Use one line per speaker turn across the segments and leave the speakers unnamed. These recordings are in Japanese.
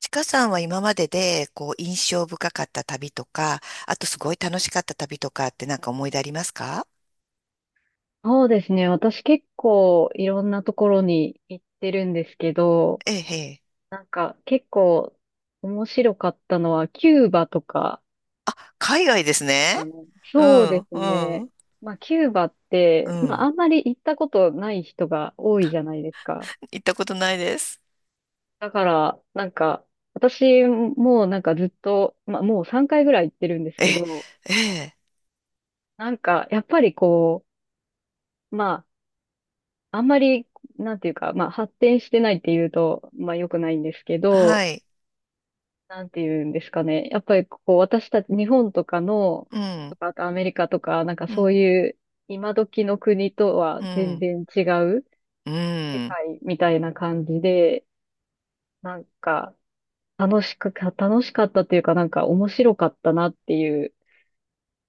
ちかさんは今までで、印象深かった旅とか、あとすごい楽しかった旅とかって思い出ありますか？
そうですね。私結構いろんなところに行ってるんですけど、
ええ、ええ。
なんか結構面白かったのはキューバとか、
海外ですね。
あの、
う
そう
ん、
です
う
ね。
ん、
まあキューバっ
う
て、まあ
ん。
あんまり行ったことない人が多いじゃないですか。
行ったことないです。
だからなんか私もなんかずっと、まあもう3回ぐらい行ってるんです
え、
けど、
ええ、
なんかやっぱりこう、まああんまりなんていうか、まあ発展してないっていうと、まあ良くないんですけ
は
ど、
い。
なんていうんですかね。やっぱりこう、私たち、日本とかの、
う
と
ん、
か、あとアメリカとか、なんか
う
そう
ん、
いう、今時の国とは
う
全
ん、
然違う
う
世
ん。
界みたいな感じで、なんか、楽しかったっていうか、なんか面白かったなっていう。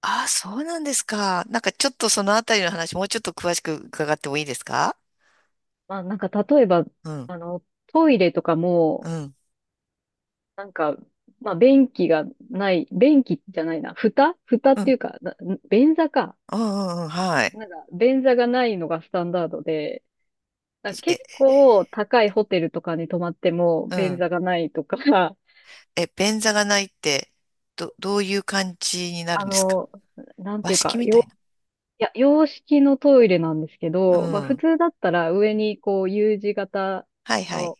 ああ、そうなんですか。なんかちょっとそのあたりの話、もうちょっと詳しく伺ってもいいですか？
まあなんか例えば、
うん、
トイレとか
う
も、
ん、うん、
なんか、まあ便器がない、便器じゃないな、蓋蓋っ
う
て
ん、
いうか、便座か。
うん、うんはい。
なんか、便座がないのがスタンダードで、だから
え、
結構高いホテルとかに泊まっても
う
便
ん。
座がないとか、
え、便座がないって、どういう感じになる
あ
んですか？
の、なんて
和
いうか、
式みたいな。
いや、洋式のトイレなんですけ
う
ど、まあ普
ん。
通だったら上にこう U 字型
はいはい。
の、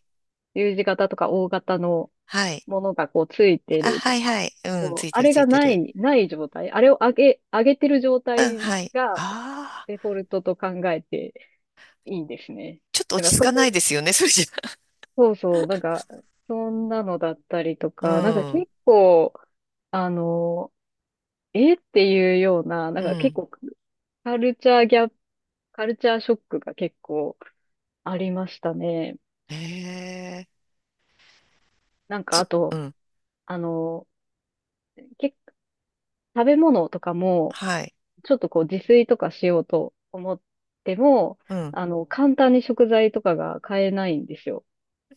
U 字型とか O 型の
はい。
ものがこうついて
あ、
る
は
と。
いはい。うん、
そ
つ
う
い
あ
てる
れ
つ
が
いて
な
る。
い、ない状態。あれを上げ、上げてる状
うん、
態
はい。
が
ああ、
デフォルトと考えていいんですね。
ちょっと
だ
落
か
ち
ら
着
そ
かない
こ
ですよね、それじゃ。
そうそう、なんか、そんなのだったりと
う
か、なんか
ん、
結構、あの、えっていうような、なん
う
か結
ん。
構カルチャーギャップ、カルチャーショックが結構ありましたね。
へえ、
なんかあ
う
と、
ん、
あの、結食べ物とかも、
はい。
ちょっとこう自炊とかしようと思っても、
うん。
簡単に食材とかが買えないんですよ。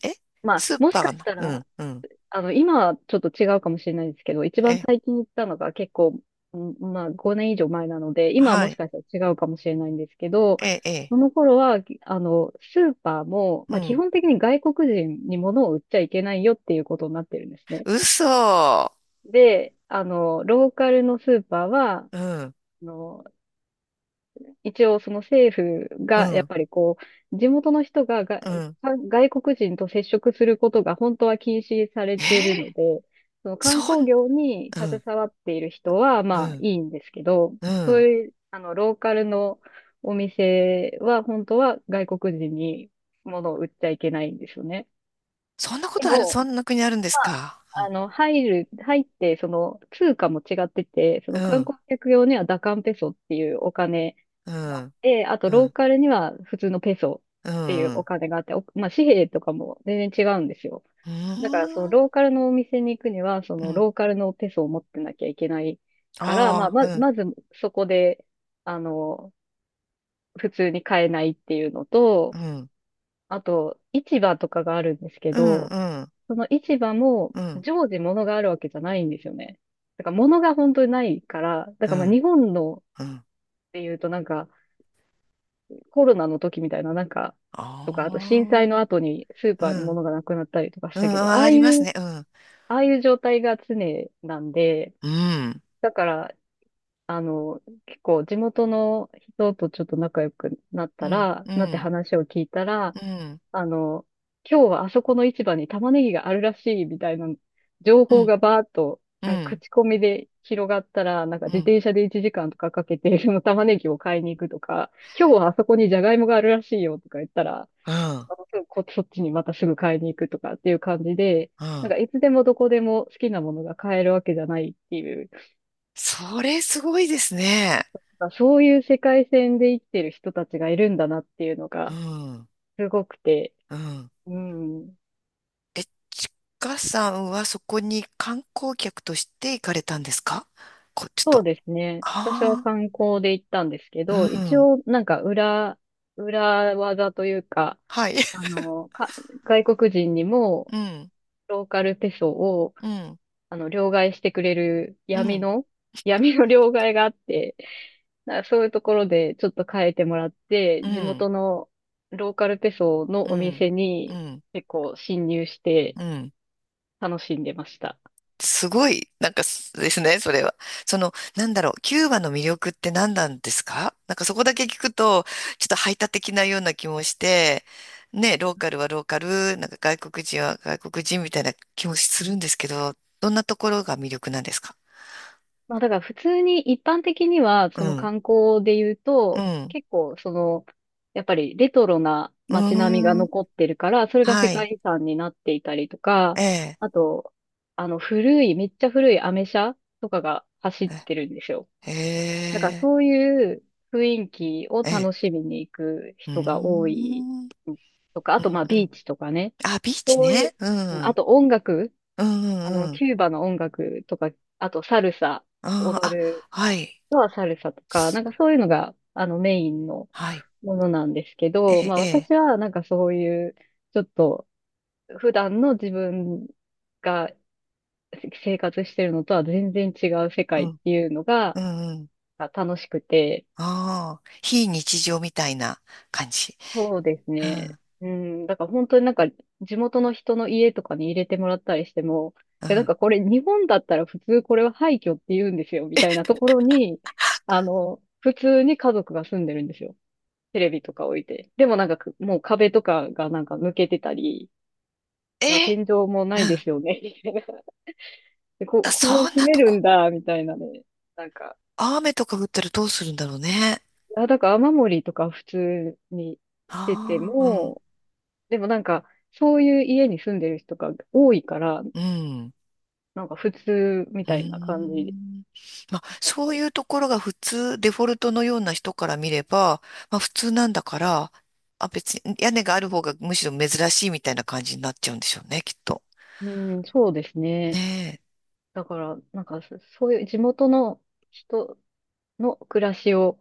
え、
まあ、
スー
も
パ
し
ー
か
が
し
ない。
た
う
ら、
ん、うん。
今はちょっと違うかもしれないですけど、一番
え、
最近行ったのが結構、うんまあ5年以上前なので、今は
は
もし
い。
かしたら違うかもしれないんですけど、
え、え、
その頃は、スーパーも、
う
まあ基
ん。
本的に外国人に物を売っちゃいけないよっていうことになってるんですね。
嘘。
で、ローカルのスーパーは、あ
うん、
の、一応その政府
う
がやっ
ん、
ぱりこう、地元の人が
うん。
外国人と接触することが本当は禁止され
えー、
ているので、その観
そん、
光業に
う
携
ん、
わっている人は
う
まあ
ん、
いいんですけど、
う
そう
ん。
いう、ローカルのお店は本当は外国人に物を売っちゃいけないんですよね。
そんなこ
で
とある、
も、
そんな国あるんですか。う
入って、その、通貨も違ってて、その観
ん、
光客用にはダカンペソっていうお金、
うん、
があって、あと
うん、う
ロー
ん、
カルには普通のペソ
うん。
っていうお
う
金があって、まあ、紙幣とかも全然違うんですよ。
ー
だからその
ん、
ローカルのお店に行くには、そ
う
の
ん。
ローカルのペソを持ってなきゃいけないから、まあ、
ああ、うん、
まずそこで、あの、普通に買えないっていうの
う
と、
ん、
あと、市場とかがあるんですけ
うん、
ど、
うん、
その市場も
うん、
常時物があるわけじゃないんですよね。だから物が本当にないから、だ
う
からまあ
ん、
日本のっ
うん。
ていうとなんか、コロナの時みたいな、なんか、とか、あと
あ
震災の
あ、
後にスー
う
パーに
ん、
物がなくなったりとかし
う
たけど、
ん、ありますね。うん、
ああいう状態が常なんで、
うん、
だから、あの、結構地元の人とちょっと仲良くなっ
う
た
ん、
ら、
う
なって
ん、
話を聞いたら、
うん、
あの、今日はあそこの市場に玉ねぎがあるらしいみたいな情
う
報
ん、
がバーっと、
うん、
なん
う
か
ん、
口コミで広がったら、なんか
う
自
ん、
転車で1時間とかかけて、その玉ねぎを買いに行くとか、今日はあそこにジャガイモがあるらしいよとか言ったら、またすぐこ、そっちにまたすぐ買いに行くとかっていう感じで、
う
なん
ん。
かいつでもどこでも好きなものが買えるわけじゃないっていう
それすごいですね。
そういう世界線で生きてる人たちがいるんだなっていうの
う
が
ん、
すごくて、
うん。
うん。
え、ちかさんはそこに観光客として行かれたんですか？こ、ちょっ
そう
と。
ですね。私は
あ
観光で行ったんですけ
あ、
ど、
う
一
ん。
応なんか裏技というか、
はい。
あの、か、外国人にも
うん、
ローカルペソを、
うん、
両替してくれる
うん、
闇の両替があって、なんかそういうところでちょっと変えてもらって、
う
地
ん、
元のローカルペソ
う
のお
ん、
店
う
に
ん、
結構侵入して、
うん。
楽しんでました。
すごい、なんかすですね、それは。その、なんだろう、キューバの魅力って何なんですか？なんかそこだけ聞くと、ちょっと排他的なような気もして、ね、ローカルはローカル、なんか外国人は外国人みたいな気もするんですけど、どんなところが魅力なんですか？
まあだから普通に一般的には、
う
その
ん、
観光で言う
う
と、
ん、
結構その、やっぱりレトロな
う
街並みが
ーん、
残ってるから、それが世
はい、
界遺産になっていたりとか、
ええ、
あと、あの古い、めっちゃ古いアメ車とかが走っ
え
てるんですよ。
え、
だから
ええ。
そういう雰囲気を
え、
楽しみに行く
うー
人が多い
ん。うん
とか、あ
う
とまあビ
ん。
ーチとかね、
あ、ビーチ
そういう、
ね。う
あ
ん。
と音楽
うんうんうん。
キューバの音楽とか、あとサルサ、
あー、
踊
あ、
る
はい。
人はサルサとか、な
す
んかそういうのが、メインの
はい。
ものなんですけ
え
ど、
え、
まあ
え
私
え。
はなんかそういう、ちょっと普段の自分が生活してるのとは全然違う世
う
界っ
ん。
ていうのが
うんうん。
楽しくて、
ああ、非日常みたいな感じ。
そうです
う
ね。
ん。
うん。だから本当になんか地元の人の家とかに入れてもらったりしても、
う
いやなん
ん。
かこれ日本だったら普通これは廃墟って言うんですよ、みたいなところに、普通に家族が住んでるんですよ。テレビとか置いて。でもなんかもう壁とかがなんか抜けてたり、
え
あ天
え、
井もな
う
いで
ん。
すよね、みたいな。で、
あ、そ
こう
ん
住
な
め
と
る
こ。
んだ、みたいなね。なんか、
雨とか降ったらどうするんだろうね。
だから雨漏りとか普通にしてて
ああ、うん。
も、でもなんか、そういう家に住んでる人が多いから、
うん。
なんか普通み
へ
たいな感じ
ん。まあ、
だっ
そ
た
うい
り。
うところが普通、デフォルトのような人から見れば、まあ普通なんだから、あ、別に屋根がある方がむしろ珍しいみたいな感じになっちゃうんでしょうね、きっと。
うん、そうですね。
ね
だから、なんかそういう地元の人の暮らしを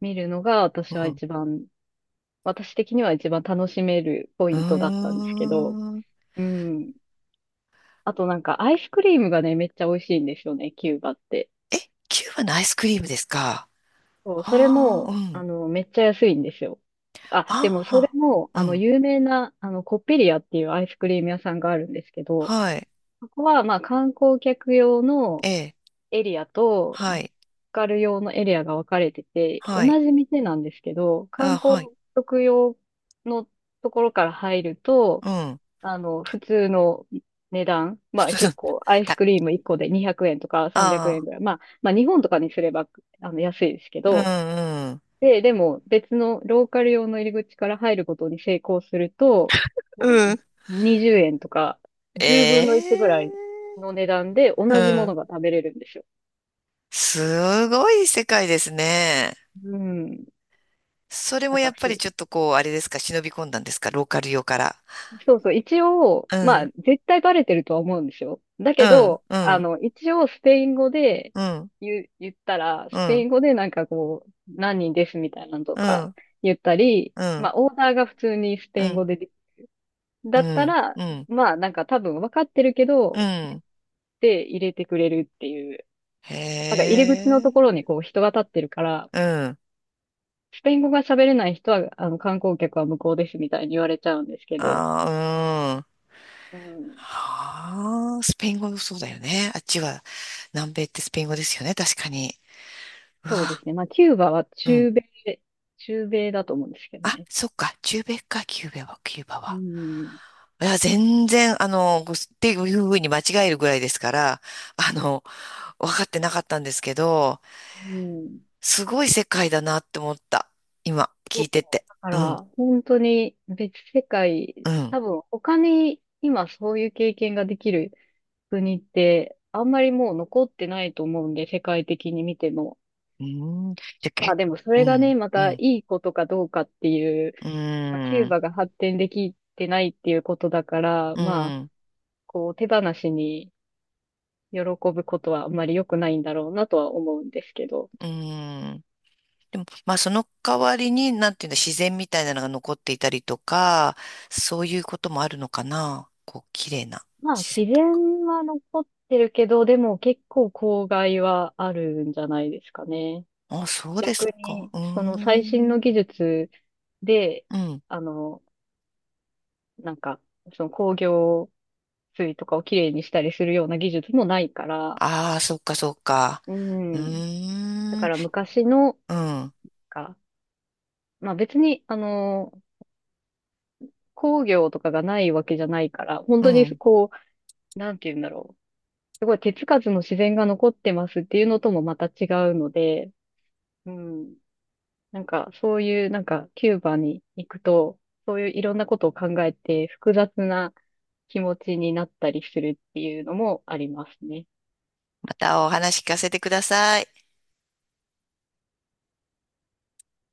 見るのが
え。
私
う
は
ん。
私的には一番楽しめるポ
う
イントだったんですけど、
ーん。
うん。あとなんかアイスクリームがね、めっちゃ美味しいんですよね、キューバって。
え、キューバのアイスクリームですか？
そう、それ
ああー、う
も、
ん。
めっちゃ安いんですよ。あ、でもそれ
あ
も、
あ、うん。
有名な、コッペリアっていうアイスクリーム屋さんがあるんですけど、
はい。
そこは、まあ、観光客用の
ええ。
エリアと、ロ
は
ー
い。
カル用のエリアが分かれてて、同
はい。
じ店なんですけど、観
あ、
光
はい。
客用のところから入ると、
うん。
普通の値段、
普
まあ、
通だ
結構、アイス
た。
クリーム1個で200円とか300
あ
円ぐらい、まあ、まあ、日本とかにすれば、安いですけ
あ、
ど、
うん、うん。
でも別のローカル用の入り口から入ることに成功すると、も
うん。
う20円とか
え
10分の1ぐらい
え、
の値段で
う
同じもの
ん。
が食べれるんですよ。
すごい世界ですね。
うん。
それも
だか
やっ
ら
ぱり
す
ちょっとこう、あれですか、忍び込んだんですか、ローカル用から。
そうそう、一応、
う
まあ
ん、
絶対バレてるとは思うんですよ。だ
う
け
ん、
ど、
うん、
一応スペイン語で
うん、
言ったら、
う
スペイ
ん、
ン語でなんかこう、何人ですみたいなのと
う
か
ん、
言ったり、
う
ま
ん、
あオーダーが普通にス
うん、
ペ
う
イン語
ん、
で
う
だったら、
ん、
まあなんか多分分かってるけ
う
ど、
ん。
で入れてくれるっていう。
へ
なんか入り口のとこ
え、
ろにこう人が立ってるから、
うん、
スペイン語が喋れない人は、あの観光客は無効ですみたいに言われちゃうんですけど、
あー、うん。
うん、
はあ、スペイン語そうだよね。あっちは、南米ってスペイン語ですよね、確かに。う
そうで
わ、
すね。まあキューバは
うん。
中米だと思うんですけど
あ、
ね。
そっか、中米か、キューバは、キューバ
う
は。
ん、
いや、全然、ごっていうふうに間違えるぐらいですから、あの、分かってなかったんですけど、
うん。
すごい世界だなって思った。今、
そ
聞
う、
いてて。
だか
うん、
ら本当に別世界、
うん、
多分他に今そういう経験ができる国って、あんまりもう残ってないと思うんで、世界的に見ても。
うん。じゃ、
まあ
け、
でもそ
う
れがね、
ん、
ま
う
たい
ん、
いことかどうかっていう、
う
まあ、キュー
ん、
バが発展できてないっていうことだから、
う
まあ、
ん、
こう手放しに喜ぶことはあんまり良くないんだろうなとは思うんですけど。
うん。でも、まあ、その代わりに、なんていうの、自然みたいなのが残っていたりとか、そういうこともあるのかな。こう、綺麗な
まあ
自然
自
と。
然は残ってるけど、でも結構公害はあるんじゃないですかね。
あ、そうです
逆
か。
に、
うー
その最新の
ん、
技術で、
うん。
あの、なんか、その工業水とかをきれいにしたりするような技術もないから、
ああ、そっかそっか。
う
う
ん。
ー
だか
ん、
ら昔の、
うん、
か、まあ別に、工業とかがないわけじゃないから、本
う
当に
ん。
こう、なんて言うんだろう。すごい手つかずの自然が残ってますっていうのともまた違うので、うん。なんかそういう、なんかキューバに行くと、そういういろんなことを考えて複雑な気持ちになったりするっていうのもありますね。
またお話聞かせてください。